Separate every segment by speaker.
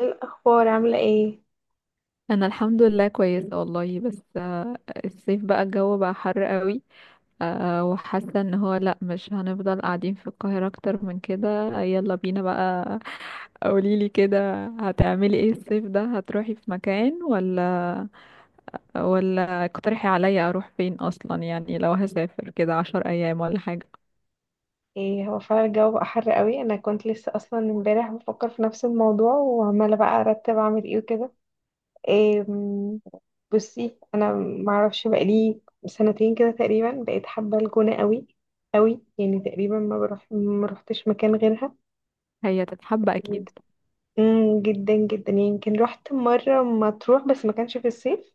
Speaker 1: إيه الأخبار عاملة ايه؟
Speaker 2: انا الحمد لله كويسه والله بس الصيف بقى الجو بقى حر قوي. وحاسه ان هو لا مش هنفضل قاعدين في القاهره اكتر من كده، يلا بينا بقى. قوليلي كده هتعملي ايه الصيف ده، هتروحي في مكان ولا اقترحي عليا اروح فين اصلا، يعني لو هسافر كده 10 ايام ولا حاجه.
Speaker 1: ايه، هو فعلا الجو بقى حر قوي. انا كنت لسه اصلا امبارح بفكر في نفس الموضوع، وعمالة بقى ارتب اعمل ايه وكده. إيه، بصي انا معرفش، بقالي 2 سنتين كده تقريبا بقيت حابة الجونة قوي قوي. يعني تقريبا ما روحتش مكان غيرها.
Speaker 2: هي تتحب اكيد.
Speaker 1: جدا جدا. يعني يمكن رحت مرة مطروح بس ما كانش في الصيف.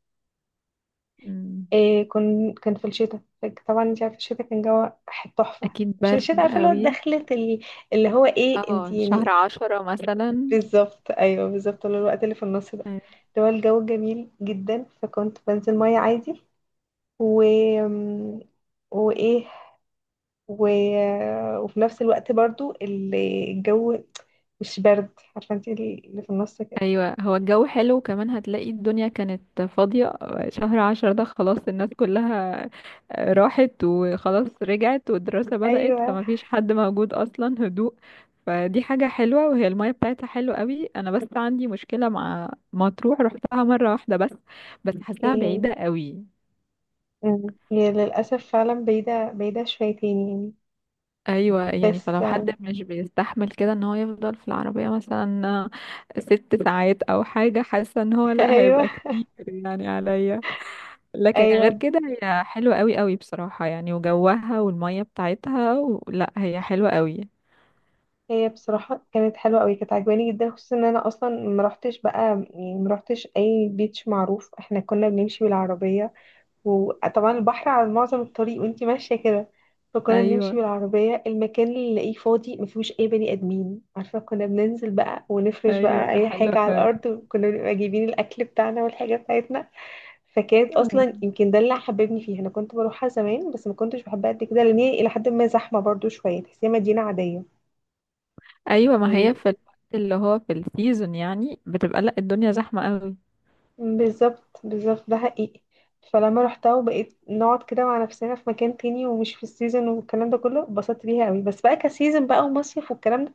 Speaker 2: مم.
Speaker 1: إيه، كان في الشتاء. طبعا انت عارفه الشتاء كان جو تحفه.
Speaker 2: اكيد
Speaker 1: مش
Speaker 2: برد
Speaker 1: الشتاء عارفه اللي هو،
Speaker 2: قوي.
Speaker 1: دخلت اللي هو ايه، انت
Speaker 2: اه، شهر
Speaker 1: يعني.
Speaker 2: عشرة مثلا.
Speaker 1: بالظبط، ايوه بالظبط، اللي هو الوقت اللي في النص ده، اللي هو الجو جميل جدا، فكنت بنزل ميه عادي. و وايه و... وفي نفس الوقت برضو الجو مش برد، عارفه انت اللي في النص كده.
Speaker 2: ايوه هو الجو حلو، وكمان هتلاقي الدنيا كانت فاضية. شهر 10 ده خلاص الناس كلها راحت وخلاص رجعت والدراسة بدأت،
Speaker 1: ايوه.
Speaker 2: فمفيش حد موجود اصلا، هدوء. فدي حاجة حلوة، وهي المية بتاعتها حلوة قوي. انا بس عندي مشكلة مع مطروح، رحتها مرة واحدة بس. بس حاساها
Speaker 1: إيه.
Speaker 2: بعيدة قوي.
Speaker 1: هي للاسف فعلا بعيده، بعيده شويتين يعني.
Speaker 2: ايوه، يعني
Speaker 1: بس
Speaker 2: فلو حد مش بيستحمل كده ان هو يفضل في العربية مثلا 6 ساعات او حاجة، حاسة ان هو لا
Speaker 1: ايوه
Speaker 2: هيبقى كتير يعني عليا. لكن غير
Speaker 1: ايوه.
Speaker 2: كده هي حلوة قوي قوي بصراحة، يعني وجوها والمية بتاعتها لا هي حلوة قوي.
Speaker 1: هي بصراحه كانت حلوه قوي، كانت عجباني جدا، خصوصا ان انا اصلا ما رحتش بقى، يعني ما رحتش اي بيتش معروف. احنا كنا بنمشي بالعربيه، وطبعا البحر على معظم الطريق وانتي ماشيه كده. فكنا بنمشي
Speaker 2: ايوه.
Speaker 1: بالعربيه، المكان اللي نلاقيه فاضي ما فيهوش اي بني ادمين، عارفه، كنا بننزل بقى ونفرش
Speaker 2: ايوه
Speaker 1: بقى
Speaker 2: ده
Speaker 1: اي
Speaker 2: حلو
Speaker 1: حاجه على
Speaker 2: قوي.
Speaker 1: الارض، وكنا بنبقى جايبين الاكل بتاعنا والحاجه بتاعتنا. فكانت اصلا يمكن ده اللي حببني فيها. انا كنت بروحها زمان بس ما كنتش بحبها قد كده، لان هي الى حد ما زحمه برضو شويه، تحسيها مدينه عاديه.
Speaker 2: ايوه ما هي في الوقت اللي هو في السيزون يعني بتبقى لا الدنيا زحمة قوي.
Speaker 1: بالظبط بالظبط، ده حقيقي. فلما روحتها وبقيت نقعد كده مع نفسنا في مكان تاني ومش في السيزون والكلام ده كله، اتبسطت بيها قوي، بس بقى كسيزون بقى ومصيف والكلام ده،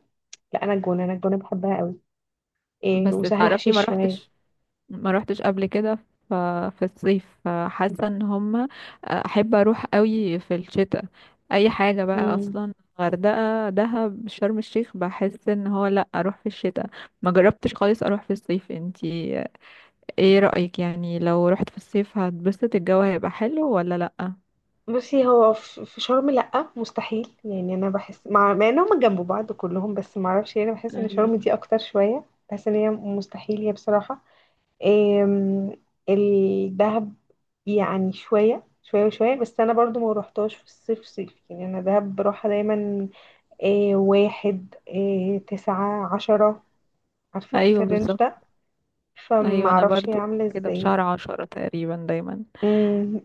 Speaker 1: لا. انا الجونه بحبها قوي. إيه،
Speaker 2: بس
Speaker 1: وسهل
Speaker 2: تعرفي ما
Speaker 1: حشيش شويه.
Speaker 2: روحتش ما روحتش قبل كده. ف- في الصيف، فحاسه ان هما احب اروح قوي في الشتاء اي حاجه بقى
Speaker 1: امم
Speaker 2: اصلا. غردقه، دهب، شرم الشيخ، بحس ان هو لا اروح في الشتاء. ما جربتش خالص اروح في الصيف. انتي ايه رايك، يعني لو رحت في الصيف هتبسط، الجو هيبقى حلو ولا لا؟
Speaker 1: بصي هو في شرم لأ، مستحيل. يعني انا بحس مع انهم جنب بعض كلهم، بس ما اعرفش، يعني انا بحس ان شرم
Speaker 2: أيوة.
Speaker 1: دي اكتر شويه. بحس ان هي مستحيل، هي بصراحه. آم، الدهب يعني شوية شوية وشوية، بس أنا برضو ما روحتهاش في الصيف صيف، يعني أنا دهب بروحها دايما. واحد، 9 10، عارفة في
Speaker 2: ايوه
Speaker 1: الرينج
Speaker 2: بالظبط.
Speaker 1: ده،
Speaker 2: ايوه انا
Speaker 1: فمعرفش هي
Speaker 2: برضو
Speaker 1: عاملة
Speaker 2: كده، في
Speaker 1: ازاي.
Speaker 2: شهر 10 تقريبا دايما.
Speaker 1: مم،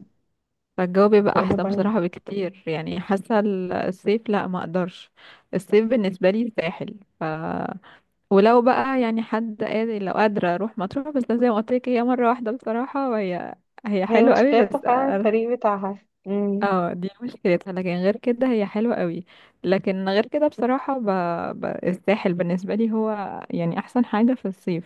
Speaker 2: فالجو بيبقى
Speaker 1: وأنا
Speaker 2: احسن
Speaker 1: برضو.
Speaker 2: بصراحة بكتير، يعني حاسة الصيف لا ما اقدرش. الصيف بالنسبة لي الساحل ولو بقى يعني حد قادر، لو قادرة اروح مطروح، بس زي ما قلت لك هي مرة واحدة بصراحة، وهي هي
Speaker 1: هي
Speaker 2: حلوة قوي بس
Speaker 1: مشكلتها فعلا الطريق بتاعها. مم.
Speaker 2: اه دي مشكلتها، لكن غير كده هي حلوة قوي. لكن غير كده بصراحة الساحل بالنسبة لي هو يعني احسن حاجة في الصيف.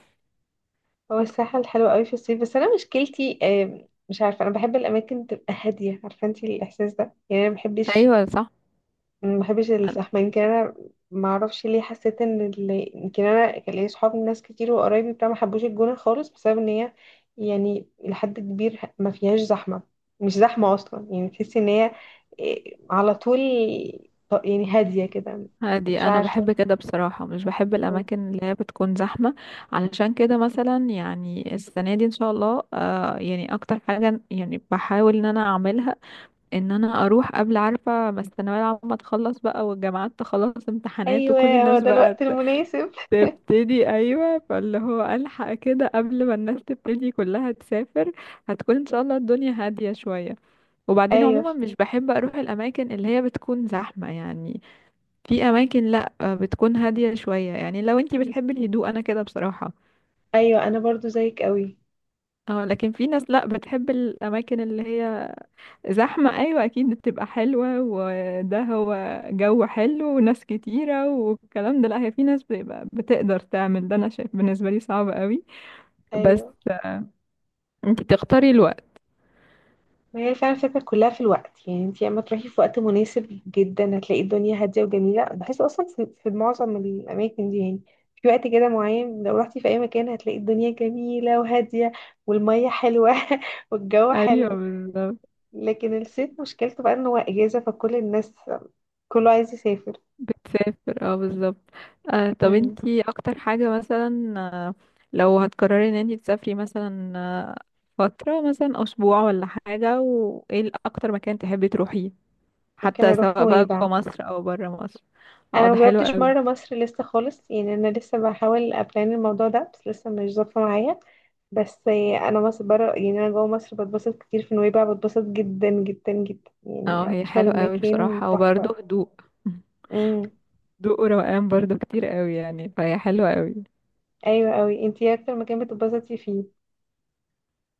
Speaker 1: هو الساحل حلو قوي في الصيف، بس أنا مشكلتي مش عارفة، أنا بحب الأماكن تبقى هادية، عارفة انتي الإحساس ده؟ يعني أنا مبحبش،
Speaker 2: ايوه صح.
Speaker 1: ما بحبش الزحمه. يمكن انا ما اعرفش ليه، حسيت ان اللي، يمكن انا كان ليا صحاب ناس كتير وقرايبي بتاع ما حبوش الجونه خالص، بسبب ان هي يعني لحد كبير ما فيهاش زحمه، مش زحمه اصلا، يعني تحسي ان هي إيه، على طول، يعني هاديه كده.
Speaker 2: هادي،
Speaker 1: مش
Speaker 2: انا
Speaker 1: عارفه.
Speaker 2: بحب كده بصراحه، مش بحب الاماكن اللي هي بتكون زحمه. علشان كده مثلا يعني السنه دي ان شاء الله، يعني اكتر حاجه يعني بحاول ان انا اعملها ان انا اروح قبل، عارفه ما الثانويه العامه تخلص بقى والجامعات تخلص امتحانات وكل
Speaker 1: ايوه، هو
Speaker 2: الناس
Speaker 1: ده
Speaker 2: بقى
Speaker 1: الوقت المناسب.
Speaker 2: تبتدي، ايوه، فاللي هو الحق كده قبل ما الناس تبتدي كلها تسافر. هتكون ان شاء الله الدنيا هاديه شويه. وبعدين
Speaker 1: ايوه.
Speaker 2: عموما مش بحب اروح الاماكن اللي هي بتكون زحمه يعني. في اماكن لا بتكون هاديه شويه، يعني لو انتي بتحبي الهدوء انا كده بصراحه.
Speaker 1: ايوه انا برضو زيك قوي.
Speaker 2: اه لكن في ناس لا بتحب الاماكن اللي هي زحمه، ايوه اكيد بتبقى حلوه، وده هو جو حلو وناس كتيره والكلام ده، لا هي في ناس بتبقى بتقدر تعمل ده، انا شايف بالنسبه لي صعب قوي. بس
Speaker 1: ايوه،
Speaker 2: انتي تختاري الوقت.
Speaker 1: ما هي فعلا الفكرة كلها في الوقت. يعني انتي اما تروحي في وقت مناسب جدا، هتلاقي الدنيا هادية وجميلة. بحس اصلا في معظم الاماكن دي يعني، في وقت كده معين، لو رحتي في اي مكان هتلاقي الدنيا جميلة وهادية، والمية حلوة والجو
Speaker 2: ايوه
Speaker 1: حلو.
Speaker 2: بالظبط.
Speaker 1: لكن الصيف مشكلته بقى ان هو اجازة، فكل الناس كله عايز يسافر.
Speaker 2: بتسافر اه بالظبط. طب
Speaker 1: مم.
Speaker 2: انتي اكتر حاجة مثلا، لو هتقرري ان انتي تسافري مثلا فترة مثلا اسبوع ولا حاجة، وايه اكتر مكان تحبي تروحيه،
Speaker 1: ممكن
Speaker 2: حتى
Speaker 1: اروح
Speaker 2: سواء بقى
Speaker 1: نويبع.
Speaker 2: جوه مصر او بره مصر؟ اه
Speaker 1: انا
Speaker 2: ده حلو
Speaker 1: مجربتش
Speaker 2: قوي.
Speaker 1: مره مصر لسه خالص يعني، انا لسه بحاول ابلان الموضوع ده بس لسه مش ظابطه معايا. بس انا مصر، بره يعني، انا جوه مصر بتبسط كتير. في نويبع بتبسط جدا جدا جدا،
Speaker 2: اه
Speaker 1: يعني
Speaker 2: هي
Speaker 1: اكتر
Speaker 2: حلو قوي
Speaker 1: مكان
Speaker 2: بصراحة،
Speaker 1: تحفه.
Speaker 2: وبرضه هدوء.
Speaker 1: امم.
Speaker 2: هدوء وروقان برضه كتير قوي يعني، فهي حلوة قوي.
Speaker 1: ايوه قوي. انتي إيه اكتر مكان بتتبسطي فيه؟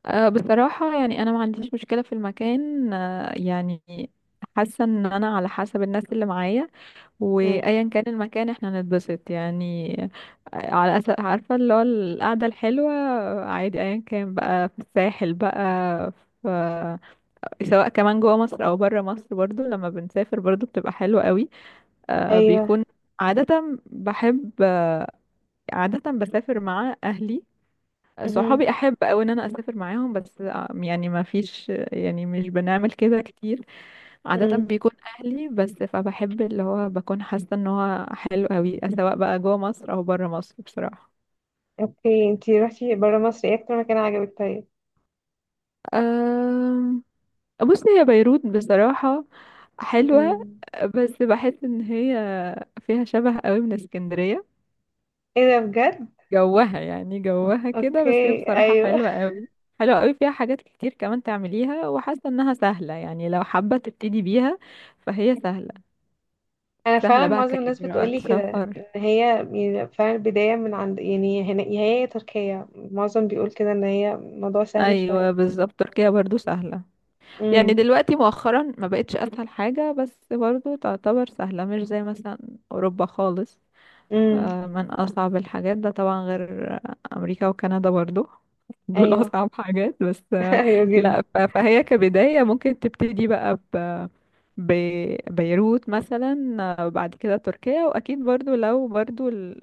Speaker 2: بصراحة يعني انا ما عنديش مشكلة في المكان، يعني حاسة ان انا على حسب الناس اللي معايا،
Speaker 1: امم.
Speaker 2: وايا كان المكان احنا نتبسط يعني. على أساس عارفة اللي هو القعدة الحلوة، عادي ايا كان بقى، في الساحل بقى، في سواء كمان جوه مصر او بره مصر، برضو لما بنسافر برضو بتبقى حلوة قوي. آه،
Speaker 1: ايوه.
Speaker 2: بيكون عادة بحب آه، عادة بسافر مع اهلي.
Speaker 1: امم.
Speaker 2: صحابي احب قوي ان انا اسافر معاهم، بس يعني ما فيش، يعني مش بنعمل كده كتير. عادة
Speaker 1: امم.
Speaker 2: بيكون أهلي بس، فبحب اللي هو بكون حاسة ان هو حلو قوي، سواء بقى جوه مصر أو بره مصر بصراحة.
Speaker 1: اوكي، انتي رحتي بره مصر، ايه اكتر مكان عجبك طيب؟
Speaker 2: أم... بصي هي بيروت بصراحة حلوة،
Speaker 1: امم.
Speaker 2: بس بحس ان هي فيها شبه قوي من اسكندرية،
Speaker 1: ايه ده، بجد؟
Speaker 2: جوها يعني جوها كده، بس هي
Speaker 1: اوكي.
Speaker 2: بصراحة
Speaker 1: ايوه.
Speaker 2: حلوة قوي. حلوة قوي فيها حاجات كتير كمان تعمليها، وحاسة انها سهلة، يعني لو حابة تبتدي بيها فهي سهلة.
Speaker 1: انا فعلا
Speaker 2: سهلة بقى
Speaker 1: معظم الناس
Speaker 2: كإجراءات
Speaker 1: بتقولي كده
Speaker 2: سفر.
Speaker 1: ان هي، يعني فعلا البدايه من عند، يعني هنا يا هي يا تركيا، معظم بيقول كده ان هي الموضوع سهل شويه.
Speaker 2: أيوة بالظبط، تركيا برضو سهلة. يعني
Speaker 1: امم.
Speaker 2: دلوقتي مؤخرا ما بقتش اسهل حاجة، بس برضو تعتبر سهلة، مش زي مثلا اوروبا خالص،
Speaker 1: امم.
Speaker 2: من اصعب الحاجات، ده طبعا غير امريكا وكندا برضو. دول
Speaker 1: ايوه
Speaker 2: اصعب حاجات، بس
Speaker 1: ايوه جدا.
Speaker 2: لا فهي كبداية ممكن تبتدي بقى بيروت مثلا، بعد كده تركيا، واكيد برضو لو برضو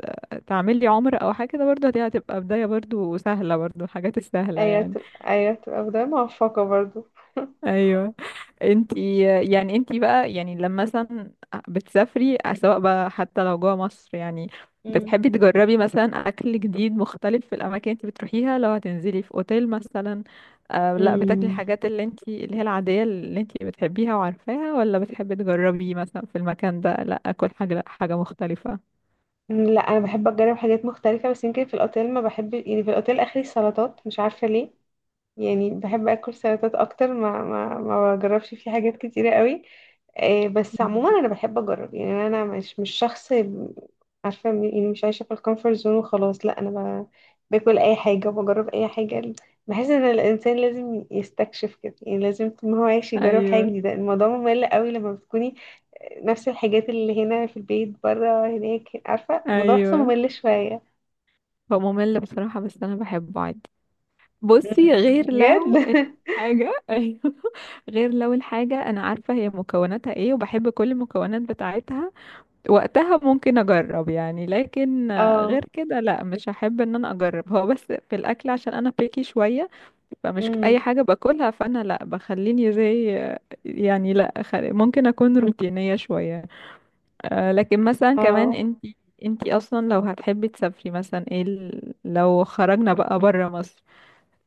Speaker 2: تعمل لي عمرة او حاجة كده برضو، دي هتبقى بداية برضو سهلة، برضو الحاجات السهلة
Speaker 1: ايوه
Speaker 2: يعني.
Speaker 1: تبقى، ايوه تبقى بدايه موفقه برضو.
Speaker 2: ايوه انت، يعني انت بقى يعني لما مثلا بتسافري سواء بقى حتى لو جوه مصر يعني،
Speaker 1: امم.
Speaker 2: بتحبي تجربي مثلا اكل جديد مختلف في الاماكن انت بتروحيها؟ لو هتنزلي في اوتيل مثلا، لا بتاكلي
Speaker 1: امم.
Speaker 2: الحاجات اللي انت اللي هي العادية اللي انت بتحبيها وعارفاها، ولا بتحبي تجربي مثلا في المكان ده لا اكل حاجة، لا حاجة مختلفة؟
Speaker 1: لا، انا بحب اجرب حاجات مختلفه، بس يمكن في الاوتيل ما بحب، يعني في الاوتيل اخري السلطات، مش عارفه ليه. يعني بحب اكل سلطات اكتر، ما بجربش فيه حاجات كتيره قوي. بس عموما
Speaker 2: مم.
Speaker 1: انا بحب اجرب. يعني انا مش شخص، عارفه، يعني مش عايشه في الكومفورت زون وخلاص، لا. انا باكل اي حاجه وبجرب اي حاجه. بحس ان الانسان لازم يستكشف كده، يعني لازم طول ما هو عايش يجرب حاجه
Speaker 2: ايوه.
Speaker 1: جديده. الموضوع ممل قوي لما بتكوني نفس الحاجات اللي هنا في البيت، بره هناك، عارفه، الموضوع بحسه
Speaker 2: ايوه
Speaker 1: ممل شويه.
Speaker 2: هو ممل بصراحة، بس انا بحبه عادي. بصي
Speaker 1: مم.
Speaker 2: غير
Speaker 1: بجد
Speaker 2: لو الحاجة، أيوه، غير لو الحاجة أنا عارفة هي مكوناتها إيه وبحب كل المكونات بتاعتها، وقتها ممكن أجرب يعني. لكن
Speaker 1: اه.
Speaker 2: غير كده لا مش هحب إن أنا أجرب، هو بس في الأكل عشان أنا بيكي شوية، فمش أي
Speaker 1: امم.
Speaker 2: حاجة باكلها، فأنا لا بخليني زي، يعني لا ممكن أكون روتينية شوية. لكن مثلا كمان
Speaker 1: اه.
Speaker 2: أنتي أصلا لو هتحبي تسافري مثلا إيه لو خرجنا بقى برا مصر،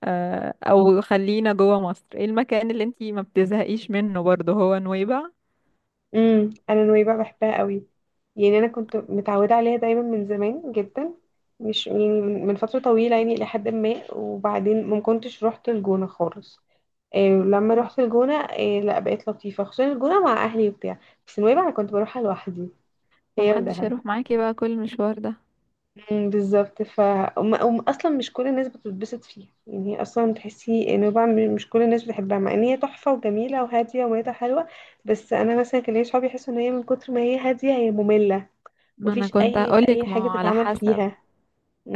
Speaker 2: او خلينا جوه مصر، ايه المكان اللي انتي ما بتزهقيش منه برضه، هو نويبع؟
Speaker 1: امم. انا نويبع بحبها قوي، يعني انا كنت متعوده عليها دايما من زمان جدا، مش يعني من فتره طويله، يعني الى حد ما. وبعدين ما كنتش رحت الجونه خالص. إيه، لما رحت الجونه، إيه، لا بقيت لطيفه، خصوصا الجونه مع اهلي وبتاع. بس نويبع انا كنت بروحها لوحدي،
Speaker 2: ما
Speaker 1: هي
Speaker 2: محدش
Speaker 1: ودهب.
Speaker 2: هيروح معاكي بقى كل المشوار ده.
Speaker 1: امم. بالظبط. اصلا مش كل الناس بتتبسط فيها يعني، هي اصلا تحسي نويبع، مش كل الناس بتحبها، مع ان هي تحفه وجميله وهاديه وميتها حلوه. بس انا مثلا كان ليا صحابي يحسوا ان هي من كتر ما هي هاديه هي ممله،
Speaker 2: ما انا
Speaker 1: مفيش
Speaker 2: كنت
Speaker 1: اي
Speaker 2: هقولك ما
Speaker 1: حاجه
Speaker 2: هو على
Speaker 1: تتعمل
Speaker 2: حسب.
Speaker 1: فيها.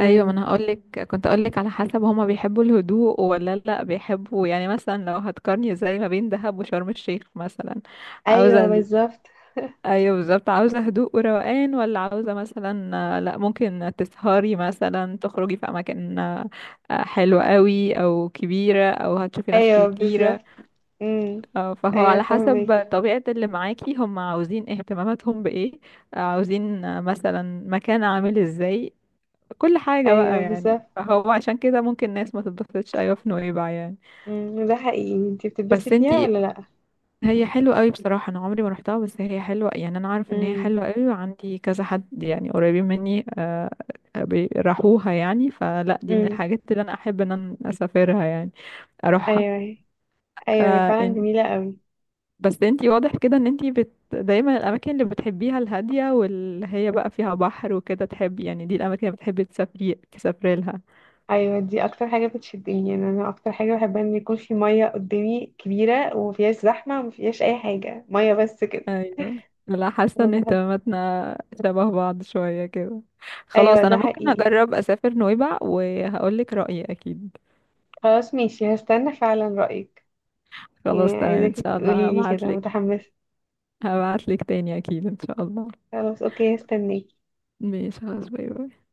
Speaker 2: ايوه ما انا هقولك، كنت هقولك على حسب هما بيحبوا الهدوء ولا لا بيحبوا، يعني مثلا لو هتقارني زي ما بين دهب وشرم الشيخ مثلا، عاوزه
Speaker 1: ايوه بالظبط.
Speaker 2: ايوه بالظبط، عاوزه هدوء وروقان، ولا عاوزه مثلا لا ممكن تسهري مثلا تخرجي في اماكن حلوه قوي او كبيره او هتشوفي ناس
Speaker 1: ايوه
Speaker 2: كتيره؟
Speaker 1: بالظبط. امم.
Speaker 2: اه فهو
Speaker 1: ايوه،
Speaker 2: على
Speaker 1: فاهمك.
Speaker 2: حسب طبيعة اللي معاكي، هم عاوزين اهتماماتهم بإيه، عاوزين مثلا مكان عامل ازاي، كل حاجة بقى
Speaker 1: ايوه
Speaker 2: يعني،
Speaker 1: بالظبط.
Speaker 2: فهو عشان كده ممكن ناس ما تتبسطش أيوة في نويبع يعني.
Speaker 1: امم، ده حقيقي. انت بتتبسطي
Speaker 2: بس
Speaker 1: فيها
Speaker 2: انتي،
Speaker 1: ولا لا؟
Speaker 2: هي حلوة قوي بصراحة، أنا عمري ما روحتها، بس هي حلوة يعني، أنا عارفة إن هي
Speaker 1: امم.
Speaker 2: حلوة قوي، وعندي كذا حد يعني قريبين مني، راحوها يعني، فلا دي من
Speaker 1: امم.
Speaker 2: الحاجات اللي أنا أحب إن أنا أسافرها يعني
Speaker 1: ايوه. ايوه، هي فعلا
Speaker 2: أروحها.
Speaker 1: جميله قوي.
Speaker 2: بس انتي واضح كده ان انتي دايما الاماكن اللي بتحبيها الهاديه، واللي هي بقى فيها بحر وكده تحبي يعني، دي الاماكن اللي بتحبي تسافري لها.
Speaker 1: ايوه، دي اكتر حاجه بتشدني. يعني انا اكتر حاجه بحبها ان يكون في ميه قدامي كبيره، ومفيهاش زحمه، ومفيهاش اي حاجه، ميه بس كده.
Speaker 2: ايوه، لا حاسه
Speaker 1: انا
Speaker 2: ان
Speaker 1: بحب.
Speaker 2: اهتماماتنا شبه بعض شويه كده.
Speaker 1: ايوه
Speaker 2: خلاص
Speaker 1: ده
Speaker 2: انا ممكن
Speaker 1: حقيقي.
Speaker 2: اجرب اسافر نويبع وهقول لك رايي اكيد.
Speaker 1: خلاص ماشي، هستنى فعلا رايك.
Speaker 2: خلاص
Speaker 1: يعني
Speaker 2: تمام ان
Speaker 1: عايزاكي
Speaker 2: شاء الله
Speaker 1: تقولي لي
Speaker 2: هبعت
Speaker 1: كده
Speaker 2: لك.
Speaker 1: متحمسه.
Speaker 2: هبعت لك تاني اكيد ان شاء الله.
Speaker 1: خلاص اوكي، هستناك.
Speaker 2: ماشي خلاص، باي باي.